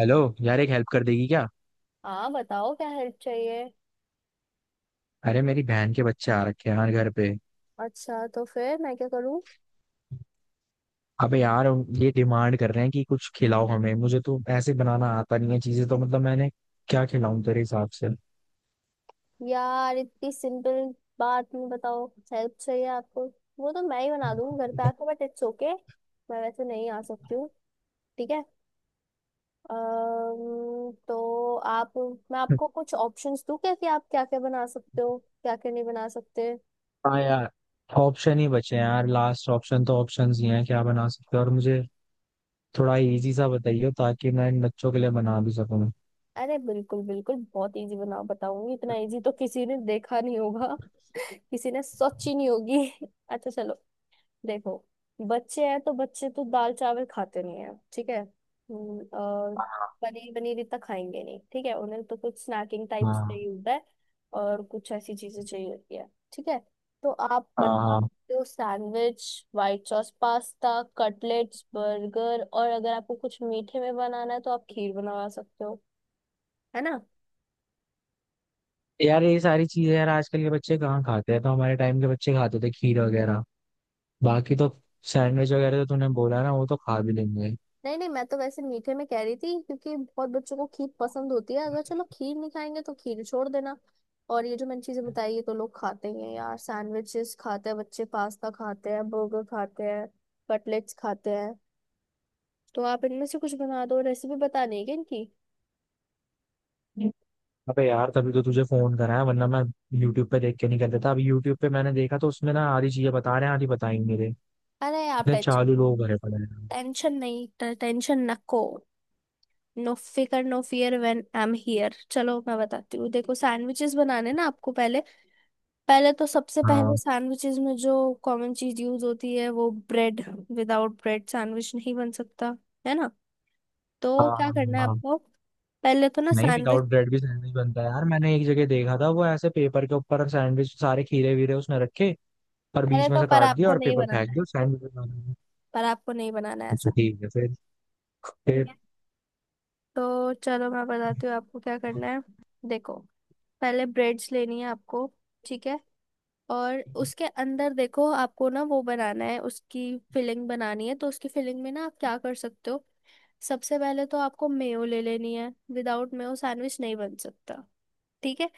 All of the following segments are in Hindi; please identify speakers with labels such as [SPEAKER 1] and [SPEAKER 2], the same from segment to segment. [SPEAKER 1] हेलो। यार, एक हेल्प कर देगी क्या?
[SPEAKER 2] हाँ, बताओ क्या हेल्प चाहिए।
[SPEAKER 1] अरे, मेरी बहन के बच्चे आ रखे हैं यार घर पे।
[SPEAKER 2] अच्छा, तो फिर मैं क्या करूँ।
[SPEAKER 1] अबे यार, ये डिमांड कर रहे हैं कि कुछ खिलाओ हमें, मुझे तो ऐसे बनाना आता नहीं है चीजें तो मतलब मैंने क्या खिलाऊं तेरे हिसाब से?
[SPEAKER 2] यार इतनी सिंपल बात में बताओ, हेल्प चाहिए आपको। वो तो मैं ही बना दूंगी घर पे आके, बट इट्स ओके, मैं वैसे नहीं आ सकती हूँ। ठीक है। तो आप, मैं आपको कुछ ऑप्शंस दूँ क्या कि आप क्या क्या बना सकते हो, क्या क्या नहीं बना सकते।
[SPEAKER 1] हाँ यार, ऑप्शन ही बचे हैं यार, लास्ट ऑप्शन तो ऑप्शंस ही हैं। क्या बना सकते हो? और मुझे थोड़ा इजी सा बताइए ताकि मैं इन बच्चों के लिए बना भी सकूं।
[SPEAKER 2] अरे बिल्कुल बिल्कुल बहुत इजी बना बताऊंगी, इतना इजी तो किसी ने देखा नहीं होगा, किसी ने सोची नहीं होगी। अच्छा चलो, देखो, बच्चे हैं तो बच्चे तो दाल चावल खाते नहीं है। ठीक है। और पनीर पनीर इतना खाएंगे नहीं। ठीक है, उन्हें तो कुछ स्नैकिंग टाइप
[SPEAKER 1] हाँ,
[SPEAKER 2] चाहिए होता है, और कुछ ऐसी चीजें चाहिए होती है। ठीक है। तो आप
[SPEAKER 1] हाँ।
[SPEAKER 2] बनवा
[SPEAKER 1] हाँ
[SPEAKER 2] सकते हो sandwich, white sauce pasta, cutlets, burger, और अगर आपको कुछ मीठे में बनाना है तो आप खीर बनवा सकते हो, है ना।
[SPEAKER 1] यार, ये सारी चीजें यार आजकल के बच्चे कहाँ खाते हैं? तो हमारे टाइम के बच्चे खाते थे खीर वगैरह। बाकी तो सैंडविच वगैरह तो तूने बोला ना, वो तो खा भी लेंगे।
[SPEAKER 2] नहीं नहीं, मैं तो वैसे मीठे में कह रही थी क्योंकि बहुत बच्चों को खीर पसंद होती है, अगर चलो खीर नहीं खाएंगे तो खीर छोड़ देना। और ये जो मैंने चीजें बताई ये तो लोग खाते ही हैं यार, सैंडविचेस खाते हैं बच्चे, पास्ता खाते हैं, बर्गर खाते हैं, कटलेट्स खाते हैं। तो आप इनमें से कुछ बना दो, रेसिपी बतानी है क्या इनकी।
[SPEAKER 1] अबे यार, तभी तो तुझे फोन करा है, वरना मैं यूट्यूब पे देख के नहीं कर देता? अभी यूट्यूब पे मैंने देखा तो उसमें ना आधी चीजें बता रहे हैं, आधी बताई नहीं रहे।
[SPEAKER 2] अरे आप
[SPEAKER 1] इतने
[SPEAKER 2] टेंशन,
[SPEAKER 1] चालू लोग भरे पड़े हैं।
[SPEAKER 2] टेंशन नहीं, टेंशन नको, नो फिकर no fear when I am here. चलो मैं बताती हूँ, देखो सैंडविचेस बनाने ना आपको पहले, पहले तो सबसे पहले
[SPEAKER 1] हाँ,
[SPEAKER 2] सैंडविचेस में जो कॉमन चीज यूज होती है वो ब्रेड, विदाउट ब्रेड सैंडविच नहीं बन सकता, है ना। तो
[SPEAKER 1] हाँ,
[SPEAKER 2] क्या
[SPEAKER 1] हाँ,
[SPEAKER 2] करना है
[SPEAKER 1] हाँ।
[SPEAKER 2] आपको, पहले तो ना
[SPEAKER 1] नहीं,
[SPEAKER 2] सैंडविच,
[SPEAKER 1] विदाउट ब्रेड भी सैंडविच बनता है यार। मैंने एक जगह देखा था, वो ऐसे पेपर के ऊपर सैंडविच, सारे खीरे वीरे उसने रखे और
[SPEAKER 2] पहले
[SPEAKER 1] बीच में
[SPEAKER 2] तो
[SPEAKER 1] से
[SPEAKER 2] पर
[SPEAKER 1] काट दिया
[SPEAKER 2] आपको
[SPEAKER 1] और
[SPEAKER 2] नहीं
[SPEAKER 1] पेपर फेंक
[SPEAKER 2] बनाना है,
[SPEAKER 1] दिया, सैंडविच बना दिया।
[SPEAKER 2] पर आपको नहीं बनाना है
[SPEAKER 1] अच्छा
[SPEAKER 2] ऐसा।
[SPEAKER 1] ठीक है। फिर?
[SPEAKER 2] ठीक
[SPEAKER 1] फिर?
[SPEAKER 2] है। तो चलो मैं बताती हूँ आपको क्या करना है। देखो, पहले ब्रेड्स लेनी है आपको। ठीक है। और उसके अंदर देखो आपको ना वो बनाना है, उसकी फिलिंग बनानी है, तो उसकी फिलिंग में ना आप क्या कर सकते हो, सबसे पहले तो आपको मेयो ले लेनी है, विदाउट मेयो सैंडविच नहीं बन सकता। ठीक है।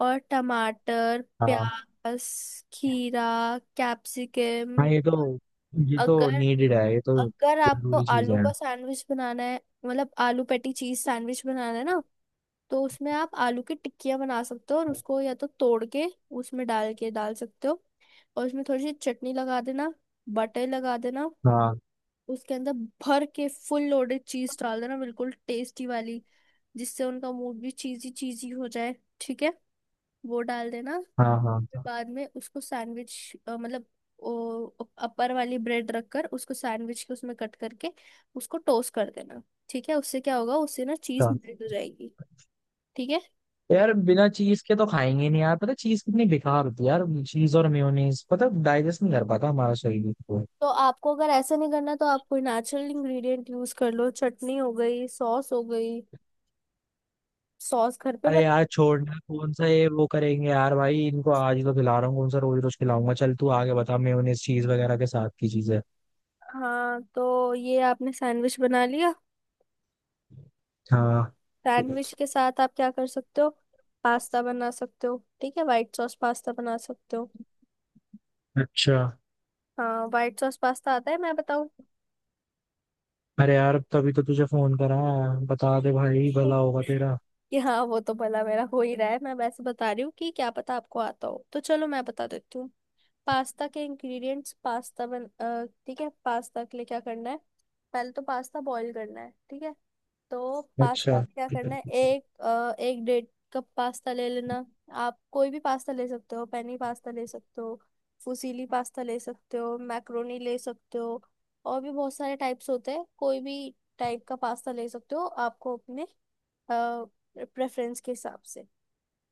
[SPEAKER 2] और टमाटर,
[SPEAKER 1] हाँ,
[SPEAKER 2] प्याज, खीरा,
[SPEAKER 1] हाँ,
[SPEAKER 2] कैप्सिकम।
[SPEAKER 1] ये तो
[SPEAKER 2] अगर
[SPEAKER 1] नीडेड है, ये तो
[SPEAKER 2] अगर आपको
[SPEAKER 1] जरूरी चीज
[SPEAKER 2] आलू
[SPEAKER 1] है।
[SPEAKER 2] का सैंडविच बनाना है, मतलब आलू पेटी चीज सैंडविच बनाना है ना, तो उसमें आप आलू की टिक्कियां बना सकते हो, और
[SPEAKER 1] हाँ,
[SPEAKER 2] उसको या तो तोड़ के उसमें डाल के डाल सकते हो, और उसमें थोड़ी सी चटनी लगा देना, बटर लगा देना, उसके अंदर भर के फुल लोडेड चीज डाल देना बिल्कुल टेस्टी वाली, जिससे उनका मूड भी चीजी चीजी हो जाए। ठीक है, वो डाल देना।
[SPEAKER 1] हाँ,
[SPEAKER 2] फिर
[SPEAKER 1] हाँ,
[SPEAKER 2] बाद में उसको सैंडविच, मतलब अपर वाली ब्रेड रखकर उसको सैंडविच के उसमें कट करके उसको टोस्ट कर देना। ठीक है, उससे क्या होगा, उससे ना चीज
[SPEAKER 1] हाँ।
[SPEAKER 2] मेल्ट हो जाएगी। ठीक है।
[SPEAKER 1] यार बिना चीज के तो खाएंगे नहीं यार, पता चीज कितनी बेकार होती है यार, चीज और मेयोनीज पता डाइजेस्ट नहीं कर पाता हमारा शरीर को।
[SPEAKER 2] तो आपको अगर ऐसा नहीं करना तो आप कोई नेचुरल इंग्रेडिएंट यूज कर लो, चटनी हो गई, सॉस हो गई, सॉस घर पे
[SPEAKER 1] अरे
[SPEAKER 2] बना।
[SPEAKER 1] यार छोड़ना, कौन सा ये वो करेंगे यार, भाई इनको आज ही तो खिला रहा हूँ, कौन सा रोज रोज खिलाऊंगा। चल तू आगे बता, मेयोनीज चीज वगैरह के साथ की चीज है।
[SPEAKER 2] हाँ, तो ये आपने सैंडविच बना लिया।
[SPEAKER 1] हाँ।
[SPEAKER 2] सैंडविच के साथ आप क्या कर सकते हो, पास्ता बना सकते हो। ठीक है, व्हाइट सॉस पास्ता बना सकते हो।
[SPEAKER 1] अच्छा।
[SPEAKER 2] हाँ, व्हाइट सॉस पास्ता आता है, मैं बताऊं।
[SPEAKER 1] अरे यार तभी तो तुझे फोन करा है। बता दे
[SPEAKER 2] नहीं।
[SPEAKER 1] भाई, भला होगा तेरा।
[SPEAKER 2] कि हाँ, वो तो भला मेरा हो ही रहा है, मैं वैसे बता रही हूँ कि क्या पता आपको आता हो, तो चलो मैं बता देती हूँ। पास्ता के इंग्रेडिएंट्स, ठीक है, पास्ता के लिए क्या करना है। पहले तो पास्ता बॉईल करना है। ठीक है। तो
[SPEAKER 1] अच्छा।
[SPEAKER 2] पास्ता आप क्या
[SPEAKER 1] अच्छा।
[SPEAKER 2] करना है, एक डेढ़ कप पास्ता ले लेना। आप कोई भी पास्ता ले सकते हो, पेनी पास्ता ले सकते हो, फुसीली पास्ता ले सकते हो, मैक्रोनी ले सकते हो, और भी बहुत सारे टाइप्स होते हैं, कोई भी टाइप का पास्ता ले सकते हो आपको अपने प्रेफरेंस के हिसाब से।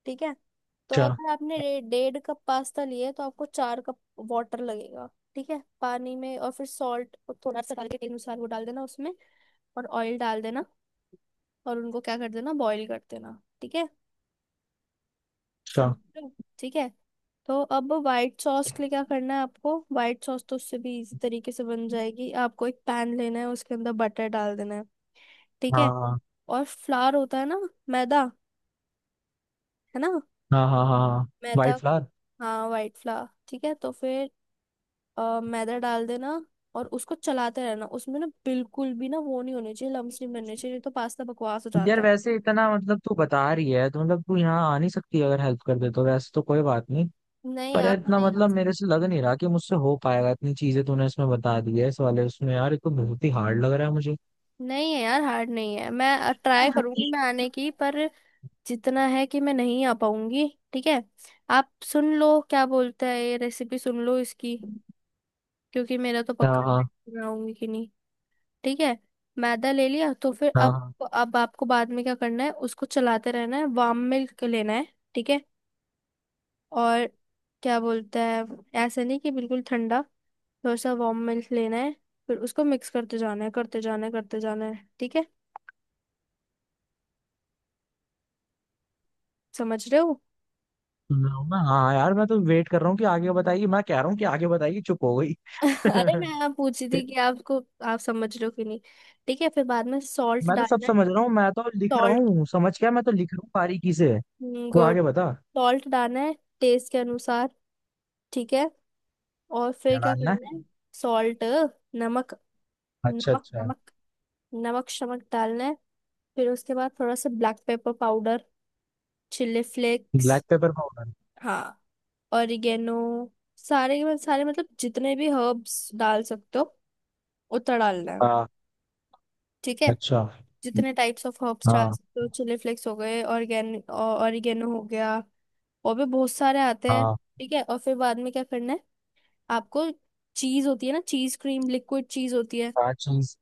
[SPEAKER 2] ठीक है। तो अगर आपने डेढ़ कप पास्ता लिया है, तो आपको चार कप वाटर लगेगा। ठीक है, पानी में, और फिर सॉल्ट थोड़ा सा डाल के टेस्ट अनुसार वो डाल देना उसमें, और ऑयल डाल देना, और उनको क्या कर देना, बॉईल कर देना। ठीक है,
[SPEAKER 1] अच्छा।
[SPEAKER 2] समझो। ठीक है। तो अब व्हाइट सॉस के लिए क्या करना है आपको, व्हाइट सॉस तो उससे भी इजी तरीके से बन जाएगी। आपको एक पैन लेना है, उसके अंदर बटर डाल देना है। ठीक है।
[SPEAKER 1] हाँ,
[SPEAKER 2] और फ्लार होता है ना, मैदा, है ना।
[SPEAKER 1] हाँ, हाँ, हाँ, हाँ।
[SPEAKER 2] मैदा,
[SPEAKER 1] वाइट फ्लावर।
[SPEAKER 2] हाँ वाइट फ्लावर। ठीक है, तो फिर मैदा डाल देना, और उसको चलाते रहना, उसमें ना बिल्कुल भी ना वो नहीं होने चाहिए, लम्स नहीं बनने चाहिए, नहीं तो पास्ता बकवास हो
[SPEAKER 1] यार
[SPEAKER 2] जाता है।
[SPEAKER 1] वैसे इतना मतलब तू बता रही है, तो मतलब तू यहाँ आ नहीं सकती? अगर हेल्प कर दे तो, वैसे तो कोई बात नहीं।
[SPEAKER 2] नहीं
[SPEAKER 1] पर
[SPEAKER 2] यार,
[SPEAKER 1] यार
[SPEAKER 2] मैं
[SPEAKER 1] इतना
[SPEAKER 2] नहीं डाल
[SPEAKER 1] मतलब
[SPEAKER 2] सकती।
[SPEAKER 1] मेरे से लग नहीं रहा कि मुझसे हो पाएगा, इतनी चीजें तूने इसमें बता दी है, इस वाले उसमें यार, ये तो बहुत ही हार्ड लग रहा है मुझे।
[SPEAKER 2] नहीं है यार, हार्ड नहीं है, मैं ट्राई करूंगी मैं आने की, पर जितना है कि मैं नहीं आ पाऊंगी। ठीक है। आप सुन लो क्या बोलता है, ये रेसिपी सुन लो इसकी, क्योंकि मेरा तो
[SPEAKER 1] हाँ,
[SPEAKER 2] पक्का है
[SPEAKER 1] हाँ,
[SPEAKER 2] कि मैं आऊंगी कि नहीं। ठीक है। मैदा ले लिया, तो फिर
[SPEAKER 1] हाँ,
[SPEAKER 2] अब
[SPEAKER 1] हाँ।
[SPEAKER 2] अब आपको बाद में क्या करना है, उसको चलाते रहना है, वार्म मिल्क लेना है। ठीक है। और क्या बोलता है, ऐसा नहीं कि बिल्कुल ठंडा, थोड़ा सा वार्म मिल्क लेना है। फिर उसको मिक्स करते जाना है, करते जाना है, करते जाना है। ठीक है, समझ रहे हो।
[SPEAKER 1] हाँ यार, मैं तो वेट कर रहा हूँ कि आगे बताइए, मैं कह रहा हूँ कि आगे बताइए, चुप हो गई।
[SPEAKER 2] अरे मैं आप पूछ रही थी कि
[SPEAKER 1] फिर?
[SPEAKER 2] आपको, आप समझ रहे हो कि नहीं। ठीक है, फिर बाद में सॉल्ट
[SPEAKER 1] मैं तो सब
[SPEAKER 2] डालना है।
[SPEAKER 1] समझ रहा हूँ, मैं तो लिख रहा
[SPEAKER 2] सॉल्ट।
[SPEAKER 1] हूँ। समझ क्या, मैं तो लिख रहा हूँ बारीकी से। को
[SPEAKER 2] गुड।
[SPEAKER 1] आगे बता।
[SPEAKER 2] सॉल्ट डालना है टेस्ट के अनुसार। ठीक है, और फिर
[SPEAKER 1] क्या
[SPEAKER 2] क्या
[SPEAKER 1] डालना है?
[SPEAKER 2] करना है। सॉल्ट, नमक,
[SPEAKER 1] अच्छा,
[SPEAKER 2] नमक
[SPEAKER 1] अच्छा।
[SPEAKER 2] नमक, नमक शमक डालना है। फिर उसके बाद थोड़ा सा black pepper powder, chilli flakes.
[SPEAKER 1] Black pepper powder.
[SPEAKER 2] हाँ, ऑरिगेनो, सारे मतलब जितने भी हर्ब्स डाल सकते हो उतना डालना है।
[SPEAKER 1] हाँ।
[SPEAKER 2] ठीक है।
[SPEAKER 1] अच्छा।
[SPEAKER 2] जितने टाइप्स ऑफ हर्ब्स डाल
[SPEAKER 1] हाँ,
[SPEAKER 2] सकते हो, चिली फ्लेक्स हो गए, ऑरिगेनो हो गया, और भी बहुत सारे आते हैं।
[SPEAKER 1] हाँ।
[SPEAKER 2] ठीक है, और फिर बाद में क्या करना है आपको। चीज होती है ना, चीज क्रीम लिक्विड चीज होती है
[SPEAKER 1] चार चीज?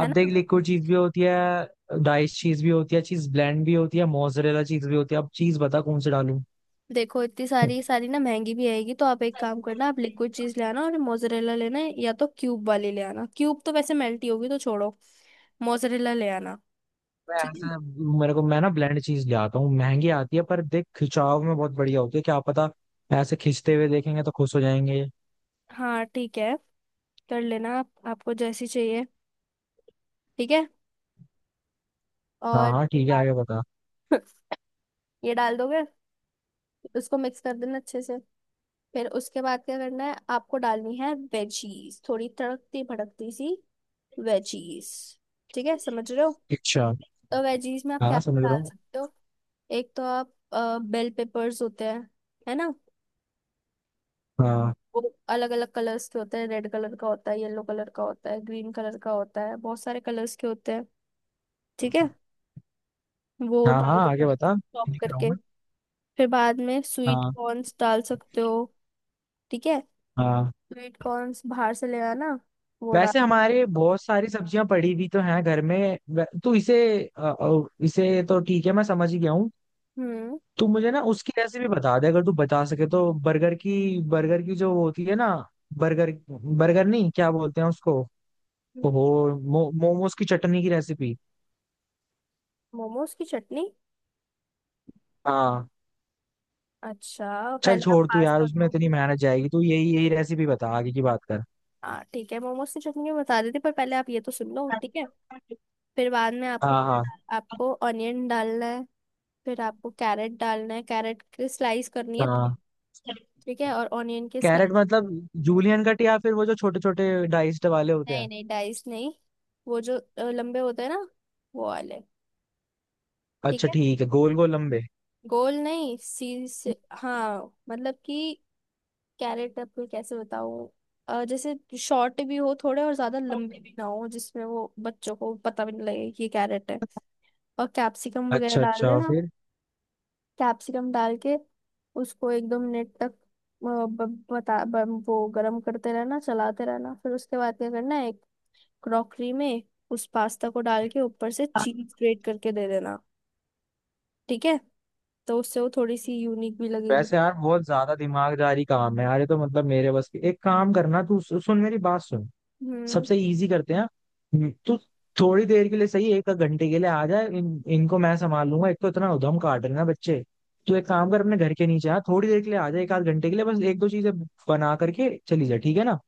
[SPEAKER 2] है ना।
[SPEAKER 1] देख, लिक्विड चीज भी होती है, डाइस चीज भी होती है, चीज ब्लेंड भी होती है, मोजरेला चीज भी होती है। अब चीज बता कौन से डालूं।
[SPEAKER 2] देखो इतनी सारी सारी ना महंगी भी आएगी, तो आप एक काम करना, आप लिक्विड चीज ले आना, और मोजरेला लेना है, या तो क्यूब वाली ले आना, क्यूब तो वैसे मेल्ट ही होगी तो छोड़ो, मोजरेला ले आना।
[SPEAKER 1] मैं
[SPEAKER 2] ठीक है।
[SPEAKER 1] ऐसा मेरे को, मैं ना ब्लेंड चीज ले आता हूँ, महंगी आती है पर देख खिंचाव में बहुत बढ़िया होती है, क्या पता ऐसे खींचते हुए देखेंगे तो खुश हो जाएंगे।
[SPEAKER 2] हाँ ठीक है, कर लेना आप, आपको जैसी चाहिए। ठीक है,
[SPEAKER 1] हाँ,
[SPEAKER 2] और
[SPEAKER 1] हाँ,
[SPEAKER 2] उसके
[SPEAKER 1] ठीक है, आगे
[SPEAKER 2] बाद
[SPEAKER 1] बता।
[SPEAKER 2] ये डाल दोगे, उसको मिक्स कर देना अच्छे से। फिर उसके बाद क्या करना है आपको, डालनी है वेजीज थोड़ी तड़कती भड़कती सी, वेजीज। ठीक है, समझ रहे हो।
[SPEAKER 1] अच्छा।
[SPEAKER 2] तो वेजीज में आप क्या
[SPEAKER 1] हाँ,
[SPEAKER 2] क्या
[SPEAKER 1] समझ रहा
[SPEAKER 2] डाल
[SPEAKER 1] हूँ।
[SPEAKER 2] सकते हो, एक तो आप बेल पेपर्स होते हैं, है ना,
[SPEAKER 1] हाँ,
[SPEAKER 2] वो अलग अलग कलर्स के होते हैं, रेड कलर का होता है, येलो कलर का होता है, ग्रीन कलर का होता है, बहुत सारे कलर्स के होते हैं। ठीक है, वो
[SPEAKER 1] हाँ,
[SPEAKER 2] डाल
[SPEAKER 1] हाँ,
[SPEAKER 2] देते
[SPEAKER 1] आगे
[SPEAKER 2] हो
[SPEAKER 1] बता।
[SPEAKER 2] चॉप
[SPEAKER 1] लिख रहा हूँ
[SPEAKER 2] करके।
[SPEAKER 1] मैं।
[SPEAKER 2] फिर बाद में स्वीट
[SPEAKER 1] हाँ,
[SPEAKER 2] कॉर्न्स डाल सकते हो। ठीक है,
[SPEAKER 1] हाँ।
[SPEAKER 2] स्वीट कॉर्न्स बाहर से ले आना, वो
[SPEAKER 1] वैसे
[SPEAKER 2] डाल।
[SPEAKER 1] हमारे बहुत सारी सब्जियां पड़ी भी तो हैं घर में। तो इसे इसे तो ठीक है, मैं समझ ही गया हूँ।
[SPEAKER 2] हम्म।
[SPEAKER 1] तू मुझे ना उसकी रेसिपी बता दे, अगर तू बता सके, तो बर्गर की। बर्गर की जो होती है ना, बर्गर, बर्गर नहीं क्या बोलते हैं उसको। ओहो, मोमोज की चटनी की रेसिपी।
[SPEAKER 2] मोमोज की चटनी।
[SPEAKER 1] हाँ।
[SPEAKER 2] अच्छा
[SPEAKER 1] चल
[SPEAKER 2] पहले आप
[SPEAKER 1] छोड़, तू यार
[SPEAKER 2] पास्ता
[SPEAKER 1] उसमें
[SPEAKER 2] दो।
[SPEAKER 1] इतनी मेहनत जाएगी, तू यही यही रेसिपी बता, आगे की बात कर।
[SPEAKER 2] हाँ ठीक है, मोमोज की चटनी मैं बता देती, पर पहले आप ये तो सुन लो। ठीक है, फिर बाद में आपको,
[SPEAKER 1] हाँ, हाँ,
[SPEAKER 2] आपको ऑनियन डालना है। फिर आपको कैरेट डालना है, कैरेट की स्लाइस करनी है।
[SPEAKER 1] हाँ।
[SPEAKER 2] ठीक है, और ऑनियन के
[SPEAKER 1] कैरेट
[SPEAKER 2] स्लाइस।
[SPEAKER 1] मतलब जूलियन कट या फिर वो जो छोटे छोटे डाइस्ड वाले होते
[SPEAKER 2] नहीं
[SPEAKER 1] हैं?
[SPEAKER 2] नहीं, डाइस नहीं, वो जो लंबे होते हैं ना, वो वाले। ठीक
[SPEAKER 1] अच्छा
[SPEAKER 2] है,
[SPEAKER 1] ठीक है, गोल गोल लंबे।
[SPEAKER 2] गोल नहीं सी से, हाँ मतलब कि कैरेट आपको कैसे बताऊँ, जैसे शॉर्ट भी हो थोड़े और ज्यादा लंबे भी ना हो, जिसमें वो बच्चों को पता भी नहीं लगे कि ये कैरेट है, और कैप्सिकम वगैरह
[SPEAKER 1] अच्छा,
[SPEAKER 2] डाल
[SPEAKER 1] अच्छा।
[SPEAKER 2] देना।
[SPEAKER 1] फिर?
[SPEAKER 2] कैप्सिकम डाल के उसको एक दो मिनट तक वो गरम करते रहना चलाते रहना, फिर उसके बाद क्या करना है, एक क्रॉकरी में उस पास्ता को डाल के ऊपर से चीज स्प्रेड करके दे देना। ठीक है, तो उससे वो थोड़ी सी यूनिक भी लगेगी।
[SPEAKER 1] वैसे यार बहुत ज्यादा दिमागदारी काम है यार, ये तो मतलब मेरे बस की। एक काम करना, तू सुन, मेरी बात सुन।
[SPEAKER 2] हम्म।
[SPEAKER 1] सबसे इजी करते हैं। तू थोड़ी देर के लिए, सही 1 घंटे के लिए आ जा। इनको मैं संभाल लूंगा, एक तो इतना उधम काट रहे हैं ना बच्चे। तू एक काम कर, अपने घर के नीचे आ थोड़ी देर के लिए, आ जा एक आध घंटे के लिए, बस एक दो चीजें बना करके चली जा, ठीक है ना?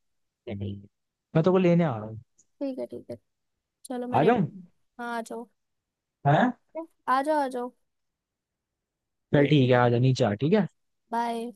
[SPEAKER 1] मैं तो को लेने आ रहा हूँ।
[SPEAKER 2] ठीक है, ठीक है। चलो मैं
[SPEAKER 1] आ जाऊँ
[SPEAKER 2] रेडी। हाँ आ जाओ,
[SPEAKER 1] है।
[SPEAKER 2] आ जाओ, आ जाओ।
[SPEAKER 1] चल
[SPEAKER 2] ठीक।
[SPEAKER 1] ठीक है, आ जा नीचे आ। ठीक है।
[SPEAKER 2] बाय।